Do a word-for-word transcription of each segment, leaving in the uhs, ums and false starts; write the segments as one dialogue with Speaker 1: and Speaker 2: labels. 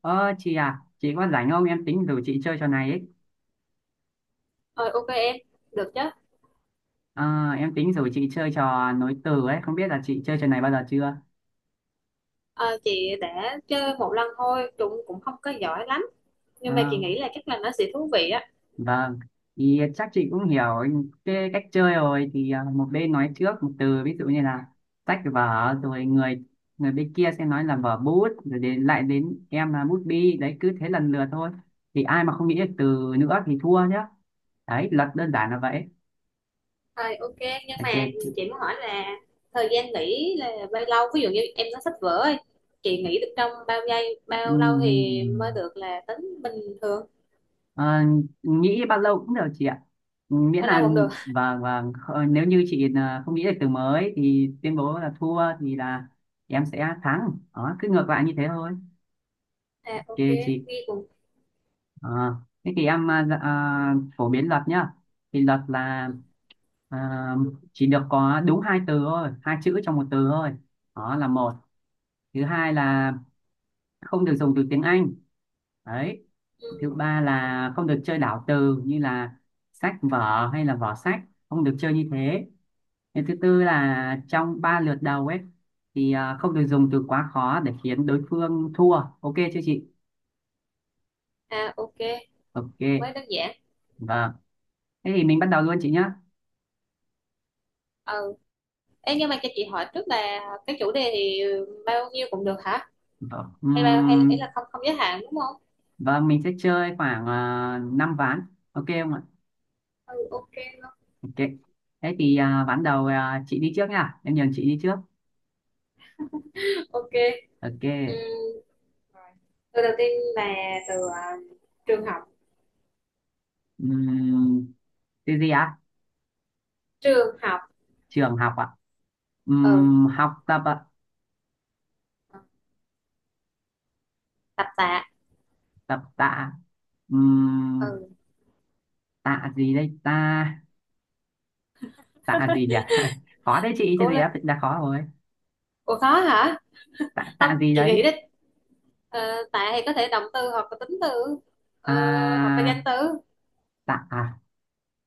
Speaker 1: Ờ chị à, chị có rảnh không? Em tính rủ chị chơi trò này ấy.
Speaker 2: Ờ, ok em, được chứ.
Speaker 1: Ờ, em tính rủ chị chơi trò nối từ ấy, không biết là chị chơi trò này bao giờ chưa?
Speaker 2: Ờ, chị đã chơi một lần thôi, cũng cũng không có giỏi lắm.
Speaker 1: Ờ,
Speaker 2: Nhưng mà chị nghĩ là chắc là nó sẽ thú vị á.
Speaker 1: vâng, thì chắc chị cũng hiểu cái cách chơi rồi thì à, một bên nói trước một từ ví dụ như là sách vở rồi người người bên kia sẽ nói là vở bút rồi đến lại đến em là bút bi đấy cứ thế lần lượt thôi thì ai mà không nghĩ được từ nữa thì thua nhá, đấy luật đơn giản là vậy.
Speaker 2: Ờ, ok, nhưng mà
Speaker 1: Ok chị.
Speaker 2: chị muốn hỏi là thời gian nghỉ là bao lâu? Ví dụ như em nó sách vở ấy, chị nghỉ được trong bao giây, bao lâu thì mới
Speaker 1: Ừm.
Speaker 2: được là tính bình thường?
Speaker 1: Ờ, nghĩ bao lâu cũng được chị ạ. Ừ, miễn
Speaker 2: Bao
Speaker 1: là
Speaker 2: lâu cũng được.
Speaker 1: và và kh- nếu như chị là không nghĩ được từ mới thì tuyên bố là thua thì là em sẽ thắng đó, cứ ngược lại như thế thôi. Ok
Speaker 2: À, ok,
Speaker 1: chị.
Speaker 2: ghi cùng.
Speaker 1: Ờ, thế thì em à, dạ, à, phổ biến luật nhá, thì luật là à, chỉ được có đúng hai từ thôi, hai chữ trong một từ thôi, đó là một. Thứ hai là không được dùng từ tiếng Anh đấy. Thứ
Speaker 2: Ừ.
Speaker 1: ba là không được chơi đảo từ như là sách vở hay là vỏ sách, không được chơi như thế. Cái thứ tư là trong ba lượt đầu ấy thì à, không được dùng từ quá khó để khiến đối phương thua. Ok chưa chị?
Speaker 2: À, ok,
Speaker 1: Ok.
Speaker 2: mới đơn giản.
Speaker 1: Vâng, thế thì mình bắt đầu luôn chị nhé.
Speaker 2: Ừ. Ê, nhưng mà cho chị hỏi trước là cái chủ đề thì bao nhiêu cũng được hả?
Speaker 1: Vâng.
Speaker 2: Hay bao hay ý
Speaker 1: Ừm,
Speaker 2: là không không giới hạn đúng không?
Speaker 1: vâng, mình sẽ chơi khoảng uh, năm ván, ok không ạ?
Speaker 2: Ừ, ok luôn.
Speaker 1: Ok, thế thì à, ván đầu, à, chị đi trước nha, em nhường chị đi trước.
Speaker 2: Ok. Ừm,
Speaker 1: Ok.
Speaker 2: rồi. Từ đầu tiên là từ à, trường học.
Speaker 1: Ừm, từ gì ạ?
Speaker 2: Trường học.
Speaker 1: Trường học ạ.
Speaker 2: Ừ,
Speaker 1: Ừm, học tập ạ.
Speaker 2: tập tạ.
Speaker 1: Tập tạ. Ừm,
Speaker 2: Ừ,
Speaker 1: tạ gì đây ta? Tạ gì nhỉ? Khó đấy chị, chứ
Speaker 2: cố
Speaker 1: gì
Speaker 2: lên.
Speaker 1: đã đã khó rồi.
Speaker 2: Ủa khó hả?
Speaker 1: Tạ,
Speaker 2: Không,
Speaker 1: tạ gì
Speaker 2: chị nghĩ
Speaker 1: đấy?
Speaker 2: đi. Ờ, tạ thì có thể động từ hoặc là tính từ, ờ, hoặc là
Speaker 1: à,
Speaker 2: danh từ.
Speaker 1: tạ à,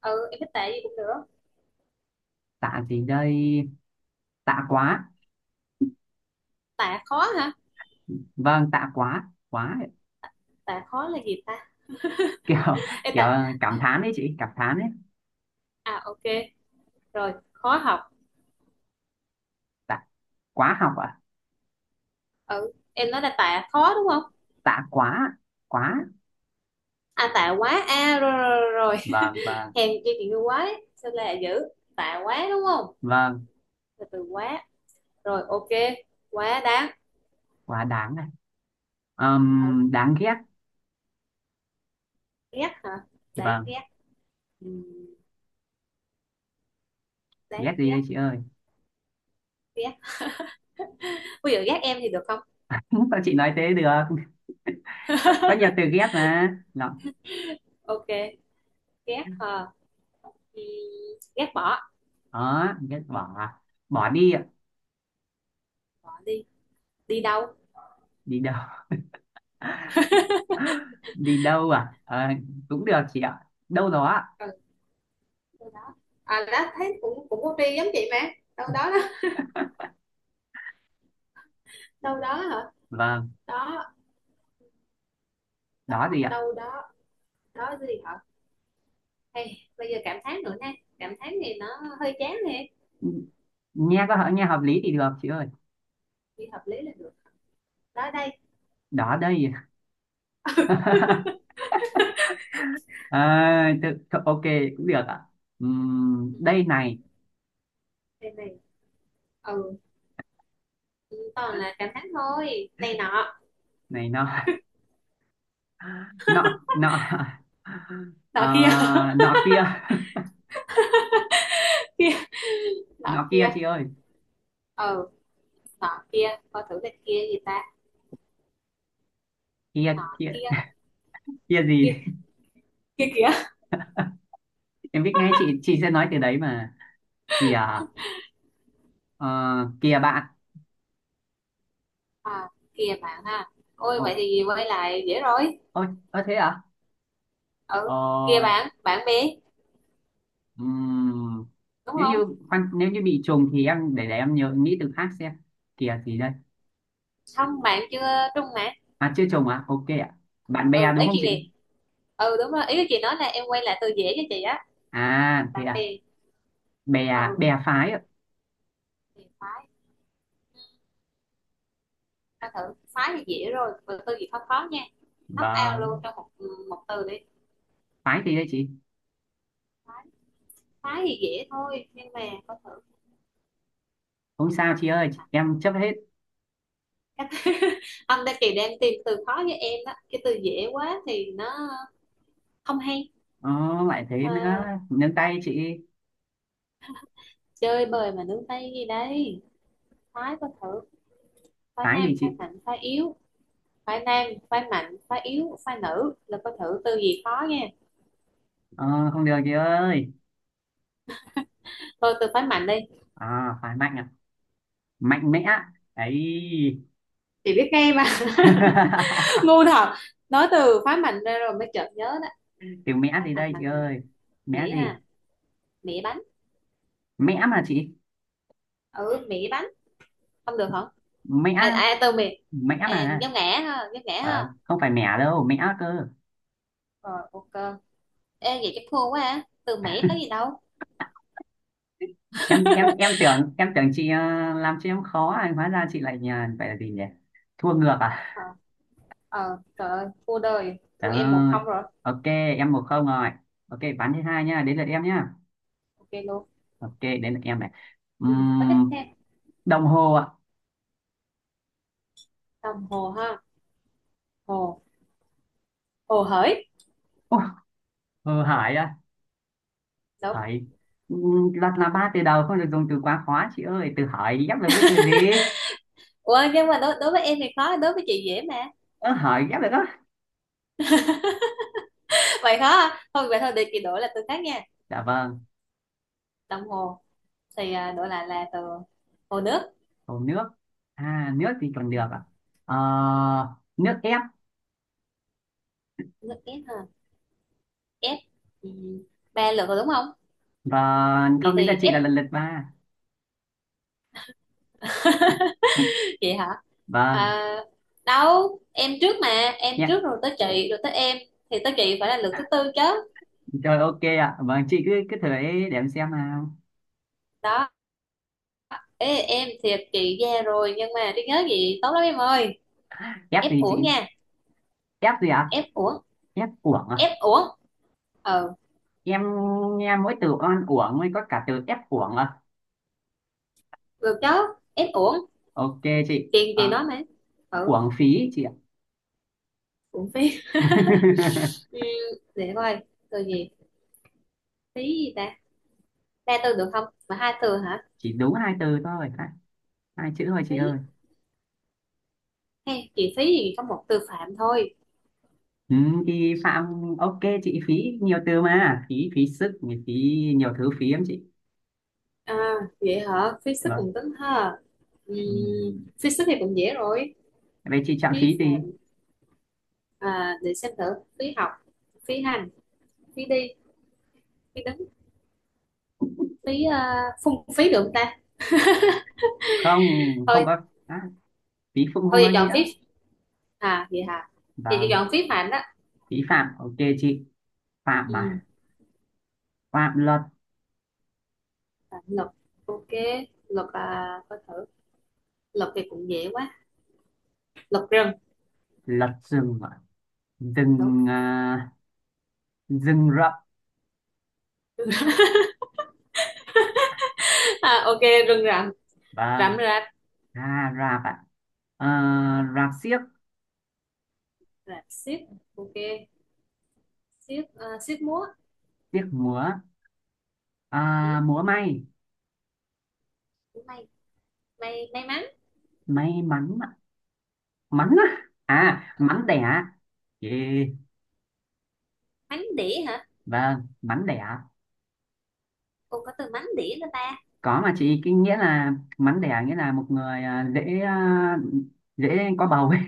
Speaker 2: Ừ, em thích tạ gì cũng được.
Speaker 1: tạ gì đây? Tạ quá.
Speaker 2: Tạ khó hả?
Speaker 1: Vâng, tạ quá quá.
Speaker 2: Tạ khó là gì ta?
Speaker 1: Kiểu,
Speaker 2: Ê,
Speaker 1: kiểu
Speaker 2: tạ.
Speaker 1: cảm thán đấy chị, cảm thán đấy.
Speaker 2: À, ok, rồi khó học.
Speaker 1: Tạ quá học ạ.
Speaker 2: Ừ, em nói là tạ khó đúng không?
Speaker 1: Tạ quá quá.
Speaker 2: À, tạ quá a, rồi rồi rồi, rồi.
Speaker 1: Vâng vâng.
Speaker 2: Hèn chi chị như quá đấy sao là dữ. Tạ quá đúng không?
Speaker 1: Vâng,
Speaker 2: Từ từ quá. Rồi ok, quá đáng.
Speaker 1: quá đáng này.
Speaker 2: Ở,
Speaker 1: Ừm, đáng ghét.
Speaker 2: ghét hả? Đáng
Speaker 1: Vâng.
Speaker 2: ghét. Ừ, đáng
Speaker 1: Ghét gì
Speaker 2: ghét.
Speaker 1: đây chị ơi?
Speaker 2: Ghét. Bây giờ ghét em thì được không?
Speaker 1: Sao chị nói thế được, có, có nhiều từ ghép mà nó.
Speaker 2: Ok, ghét hả? Ừm, ghét bỏ.
Speaker 1: Đó ghét bỏ à? Bỏ đi ạ.
Speaker 2: Bỏ đi. Đi đâu?
Speaker 1: Đi đâu? Đi đâu à? Ờ, cũng được chị ạ, đâu đó ạ.
Speaker 2: Ừ, đâu đó. À đó thấy cũng cũng có đi giống chị mà. Đâu đó đó đâu đó hả?
Speaker 1: Vâng.
Speaker 2: Đó.
Speaker 1: Đó
Speaker 2: Đó,
Speaker 1: gì ạ?
Speaker 2: đâu đó. Đó gì hả? Hey, bây giờ cảm thán nữa nè. Cảm thán thì nó hơi chán nè.
Speaker 1: Nghe có hợp- nghe hợp lý thì được chị ơi.
Speaker 2: Thì hợp lý là được. Đó đây.
Speaker 1: Đó đây. à, tự, ok, cũng được ạ. Ừm,
Speaker 2: Ừ,
Speaker 1: đây này.
Speaker 2: đây này. Ừ, toàn là cảm thán thôi, này nọ.
Speaker 1: Này nọ. Nọ nọ.
Speaker 2: Nọ
Speaker 1: Ờ,
Speaker 2: kia.
Speaker 1: nọ kia.
Speaker 2: Kia, nọ
Speaker 1: Nọ kia
Speaker 2: kia.
Speaker 1: chị ơi.
Speaker 2: Ờ, nọ kia coi thử là kia gì ta?
Speaker 1: Kia
Speaker 2: Nọ
Speaker 1: kia.
Speaker 2: kia.
Speaker 1: Kia gì?
Speaker 2: Kia, kia kìa.
Speaker 1: Em biết ngay chị chị sẽ nói từ đấy mà. Kìa. Ờ, kìa bạn.
Speaker 2: À, kia bạn ha. Ôi vậy
Speaker 1: Ok.
Speaker 2: thì quay lại dễ rồi.
Speaker 1: Ôi, ơ thế à? Ờ.
Speaker 2: Ừ, kia bạn, bạn bè
Speaker 1: Ừm,
Speaker 2: đúng
Speaker 1: nếu như
Speaker 2: không?
Speaker 1: khoan, nếu như bị trùng thì em để để em nhớ nghĩ từ khác xem. Kìa gì đây?
Speaker 2: Không, bạn chưa trung mà.
Speaker 1: À chưa trùng à? Ok ạ. Bạn bè
Speaker 2: Ừ
Speaker 1: đúng
Speaker 2: ý
Speaker 1: không
Speaker 2: chị
Speaker 1: chị?
Speaker 2: gì. Ừ đúng rồi, ý chị nói là em quay lại từ dễ cho chị á.
Speaker 1: À thế
Speaker 2: Bạn
Speaker 1: à?
Speaker 2: bè.
Speaker 1: Bè,
Speaker 2: Ừ,
Speaker 1: bè phái ạ.
Speaker 2: thì phái. Coi thử phái thì dễ rồi, từ từ gì khó khó nha. Lắp ao
Speaker 1: Vâng,
Speaker 2: luôn trong một một từ đi.
Speaker 1: phái gì đây chị?
Speaker 2: Phái. Phái thì dễ thôi nhưng mà coi thử.
Speaker 1: Không sao chị ơi, em chấp hết.
Speaker 2: Cách- anh đang kỳ đang tìm từ khó với em đó, cái từ dễ quá thì nó không hay.
Speaker 1: Ờ, lại thế
Speaker 2: Ờ,
Speaker 1: nữa, nâng tay chị.
Speaker 2: chơi bời mà nướng tay gì đây. Phái có thử. Phái
Speaker 1: Phái
Speaker 2: nam,
Speaker 1: gì
Speaker 2: phái
Speaker 1: chị?
Speaker 2: mạnh, phái yếu. Phái nam phái mạnh phái yếu phái nữ là có thử từ gì khó nha.
Speaker 1: Ờ, không được chị ơi.
Speaker 2: Thôi từ phái mạnh đi.
Speaker 1: À, phái mạnh à? Mạnh mẽ. Ấy.
Speaker 2: Chị biết ngay mà. Ngu thật. Nói từ phái mạnh ra rồi mới chợt nhớ đó.
Speaker 1: Từ mẽ
Speaker 2: Phái
Speaker 1: gì
Speaker 2: mạnh,
Speaker 1: đây chị
Speaker 2: mạnh mẹ.
Speaker 1: ơi?
Speaker 2: Mẹ
Speaker 1: Mẽ gì?
Speaker 2: à, mẹ bánh.
Speaker 1: Mẽ mà chị.
Speaker 2: Ừ mẹ bánh. Không được hả?
Speaker 1: Mẹ.
Speaker 2: À, à từ mẹ.
Speaker 1: Mẹ
Speaker 2: À,
Speaker 1: mà.
Speaker 2: giống ngã ha, giống ngã
Speaker 1: Ờ,
Speaker 2: ha.
Speaker 1: không phải mẹ đâu, mẹ cơ.
Speaker 2: Rồi ok. Ê vậy chắc thua quá à. Từ Mỹ tới gì đâu.
Speaker 1: Em em em tưởng, em tưởng chị ờ, làm cho em khó à, hóa ra chị lại nhờ phải là gì nhỉ, thua ngược à?
Speaker 2: Ờ. Ờ, trời ơi thua đời. Thua
Speaker 1: Trời
Speaker 2: em một
Speaker 1: ơi.
Speaker 2: không rồi.
Speaker 1: Ok, em một không rồi. Ok, ván thứ hai nhá, đến lượt em nhá.
Speaker 2: Ok luôn.
Speaker 1: Ok, đến lượt em này.
Speaker 2: Ừ, có tiếp
Speaker 1: Ừm,
Speaker 2: theo.
Speaker 1: đồng hồ ạ.
Speaker 2: Đồng hồ ha. Hồ, hồ hởi.
Speaker 1: Ủa, Hồ Hải à?
Speaker 2: Đúng.
Speaker 1: Hải. Ừm, đặt là ba từ đầu không được dùng từ quá khó chị ơi, từ hỏi ghép được với từ gì?
Speaker 2: Ủa nhưng mà đối, đối với em thì khó, đối với chị dễ mà.
Speaker 1: Ơ hỏi ghép được á?
Speaker 2: Vậy khó à? Thôi vậy thôi, để chị đổi là từ khác nha.
Speaker 1: Dạ vâng.
Speaker 2: Đồng hồ. Thì à, đổi lại là từ hồ nước.
Speaker 1: Cầu nước. À nước thì còn
Speaker 2: Ừ.
Speaker 1: được à? Ờ, nước ép.
Speaker 2: Nước ép ha. Ép. Ừ, ba lượt rồi đúng không?
Speaker 1: Và
Speaker 2: Chị
Speaker 1: không đến là
Speaker 2: thì
Speaker 1: chị
Speaker 2: ép.
Speaker 1: là lần lượt ba.
Speaker 2: Chị hả?
Speaker 1: Vâng.
Speaker 2: À, đâu em trước mà. Em
Speaker 1: Nhé.
Speaker 2: trước rồi tới chị, rồi tới em. Thì tới chị phải là lượt thứ tư chứ.
Speaker 1: Rồi ok ạ, vâng chị cứ cứ thử ấy để em xem nào.
Speaker 2: Đó. Ê, em thiệt chị ra rồi nhưng mà trí nhớ gì tốt lắm em ơi.
Speaker 1: Ép
Speaker 2: Ép
Speaker 1: gì
Speaker 2: uổng
Speaker 1: chị?
Speaker 2: nha.
Speaker 1: Ép gì ạ?
Speaker 2: Ép uổng.
Speaker 1: Ép uổng à?
Speaker 2: Ép uổng. Ờ,
Speaker 1: Em nghe mỗi từ oan uổng mới có cả từ ép uổng à?
Speaker 2: được chứ, ép uổng,
Speaker 1: Ok chị.
Speaker 2: chuyện gì
Speaker 1: Ờ,
Speaker 2: đó mà. Ừ
Speaker 1: uổng phí chị ạ.
Speaker 2: uổng phí. Ừ, để coi từ gì, phí gì ta. Ba từ được không mà hai từ hả?
Speaker 1: Chỉ đúng hai từ thôi, hai, hai chữ thôi chị
Speaker 2: Phí.
Speaker 1: ơi.
Speaker 2: Hay chị phí gì có một từ phạm thôi.
Speaker 1: Ừ, thì Phạm. Ok chị, phí nhiều từ mà, phí phí sức, phí, nhiều thứ phí lắm chị.
Speaker 2: À vậy hả, phí sức
Speaker 1: Vâng.
Speaker 2: cùng tính ha. Ừ,
Speaker 1: Ừ.
Speaker 2: phí sức thì cũng dễ rồi.
Speaker 1: Vậy chị chạm
Speaker 2: Phí
Speaker 1: phí
Speaker 2: phạm.
Speaker 1: gì?
Speaker 2: À, để xem thử. Phí học, phí hành, phí đi, phí đứng, phí ờ, phung phí được không ta?
Speaker 1: Không, không
Speaker 2: Ừ,
Speaker 1: có. À, phí phụ không
Speaker 2: thôi
Speaker 1: có
Speaker 2: chị chọn
Speaker 1: nghĩa.
Speaker 2: phím. À vậy hả, chị chị
Speaker 1: Vâng,
Speaker 2: chọn phím mạnh á.
Speaker 1: phí phạm. Ok chị. Phạm
Speaker 2: Ừ.
Speaker 1: mà. Phạm luật.
Speaker 2: À, lộc. Ok, lộc à có thử, lộc thì cũng dễ quá, lộc rừng.
Speaker 1: Luật rừng ạ.
Speaker 2: Đúng.
Speaker 1: Rừng, à, rừng rậm.
Speaker 2: À, ok, rừng rậm. Rậm
Speaker 1: Vâng.
Speaker 2: rạp.
Speaker 1: À, rạp ạ. À, rạp xiếc.
Speaker 2: Rạp xiếc. Ok, xiếc à, xiếc múa.
Speaker 1: Xiếc múa.
Speaker 2: Ừ.
Speaker 1: À, múa may.
Speaker 2: May, may may mắn.
Speaker 1: May mắn ạ. Mắn á. À, mắn đẻ. Yeah.
Speaker 2: Mắn đĩa hả?
Speaker 1: Vâng, mắn đẻ.
Speaker 2: Cô có từ mắn đĩa nữa ta?
Speaker 1: Có mà chị, cái nghĩa là mắn đẻ nghĩa là một người à, dễ à, dễ có bầu ấy.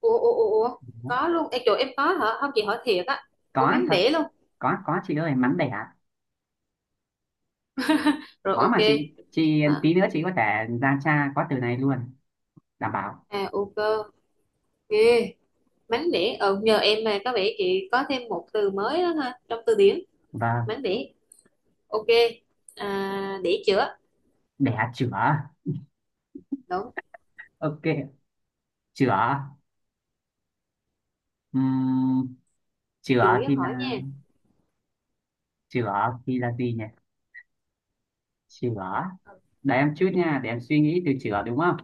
Speaker 2: Ủa ủa ủa ủa. Có luôn em chỗ em có hả không chị hỏi thiệt á? Ủa
Speaker 1: Có
Speaker 2: mắn
Speaker 1: thật.
Speaker 2: đĩa luôn.
Speaker 1: Có có chị ơi, mắn đẻ.
Speaker 2: Rồi
Speaker 1: Khó
Speaker 2: ok.
Speaker 1: mà chị, chị
Speaker 2: à,
Speaker 1: tí nữa chị có thể ra cha có từ này luôn, đảm bảo.
Speaker 2: à ok, ok. Mánh đĩa, ờ nhờ em mà có vẻ chị có thêm một từ mới đó ha, trong từ điển.
Speaker 1: Vâng.
Speaker 2: Mánh đĩa. Ok. À, để chữa.
Speaker 1: Đẻ chửa.
Speaker 2: Đúng.
Speaker 1: Ok. Chửa. Ừm,
Speaker 2: Chữa
Speaker 1: chửa
Speaker 2: với
Speaker 1: thì
Speaker 2: hỏi nha.
Speaker 1: là, chửa thì là gì nhỉ, chửa, để em chút nha để em suy nghĩ, từ chửa đúng không?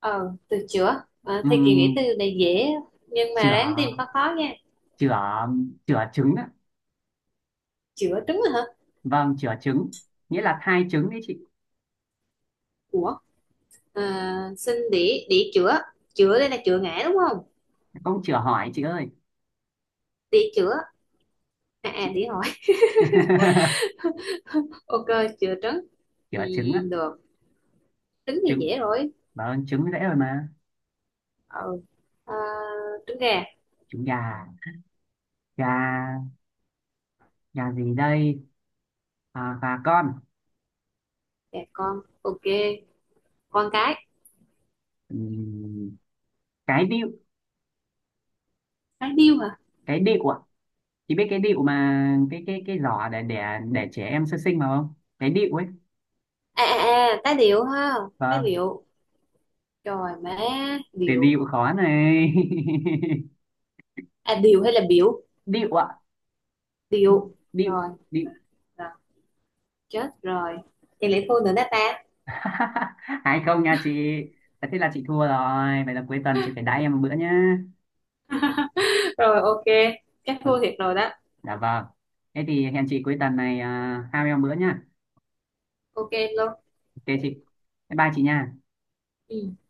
Speaker 2: Ờ từ chữa à, thì chị nghĩ từ
Speaker 1: Ừm,
Speaker 2: này dễ nhưng mà
Speaker 1: chửa
Speaker 2: ráng tìm khó khó nha.
Speaker 1: chửa chửa trứng á.
Speaker 2: Chữa trứng rồi hả?
Speaker 1: Vâng, chửa trứng, nghĩa là thai trứng đấy chị.
Speaker 2: Ủa. À, xin để để chữa. Chữa đây là chữa ngã đúng không?
Speaker 1: Không chửa hỏi chị ơi.
Speaker 2: Để chữa. À, à
Speaker 1: Chị.
Speaker 2: để hỏi. Ok, chữa trứng. Ừ,
Speaker 1: Chửa trứng á.
Speaker 2: được. Trứng thì
Speaker 1: Trứng.
Speaker 2: dễ rồi.
Speaker 1: Vâng, trứng dễ rồi mà.
Speaker 2: Ờ, à, trứng gà.
Speaker 1: Trứng gà. Gà. Gà gì đây? À, gà con.
Speaker 2: Gà con ok. Con cái.
Speaker 1: Ừm, cái điệu.
Speaker 2: Cái điêu hả?
Speaker 1: Cái điệu ạ. Chị biết cái điệu mà, cái cái cái giỏ để để để trẻ em sơ sinh mà không, cái điệu ấy.
Speaker 2: À à à tá điệu ha. Tá
Speaker 1: Vâng.
Speaker 2: điệu. Trời má,
Speaker 1: Từ
Speaker 2: điệu.
Speaker 1: điệu khó này.
Speaker 2: À điệu hay là biểu.
Speaker 1: Điệu ạ.
Speaker 2: Điệu
Speaker 1: Điệu.
Speaker 2: rồi.
Speaker 1: Điệu.
Speaker 2: Rồi, chết rồi, thì lại thua nữa đó ta.
Speaker 1: Hay không nha chị? Thế là chị thua rồi, vậy là cuối tuần chị phải đãi em một bữa nhá.
Speaker 2: Rồi ok, chắc
Speaker 1: Ờ,
Speaker 2: thua thiệt rồi đó.
Speaker 1: dạ vâng, thế thì hẹn chị cuối tuần này, à, hai em một bữa nhá.
Speaker 2: Ok luôn.
Speaker 1: Ok chị. Bye bye chị nha.
Speaker 2: Ừ.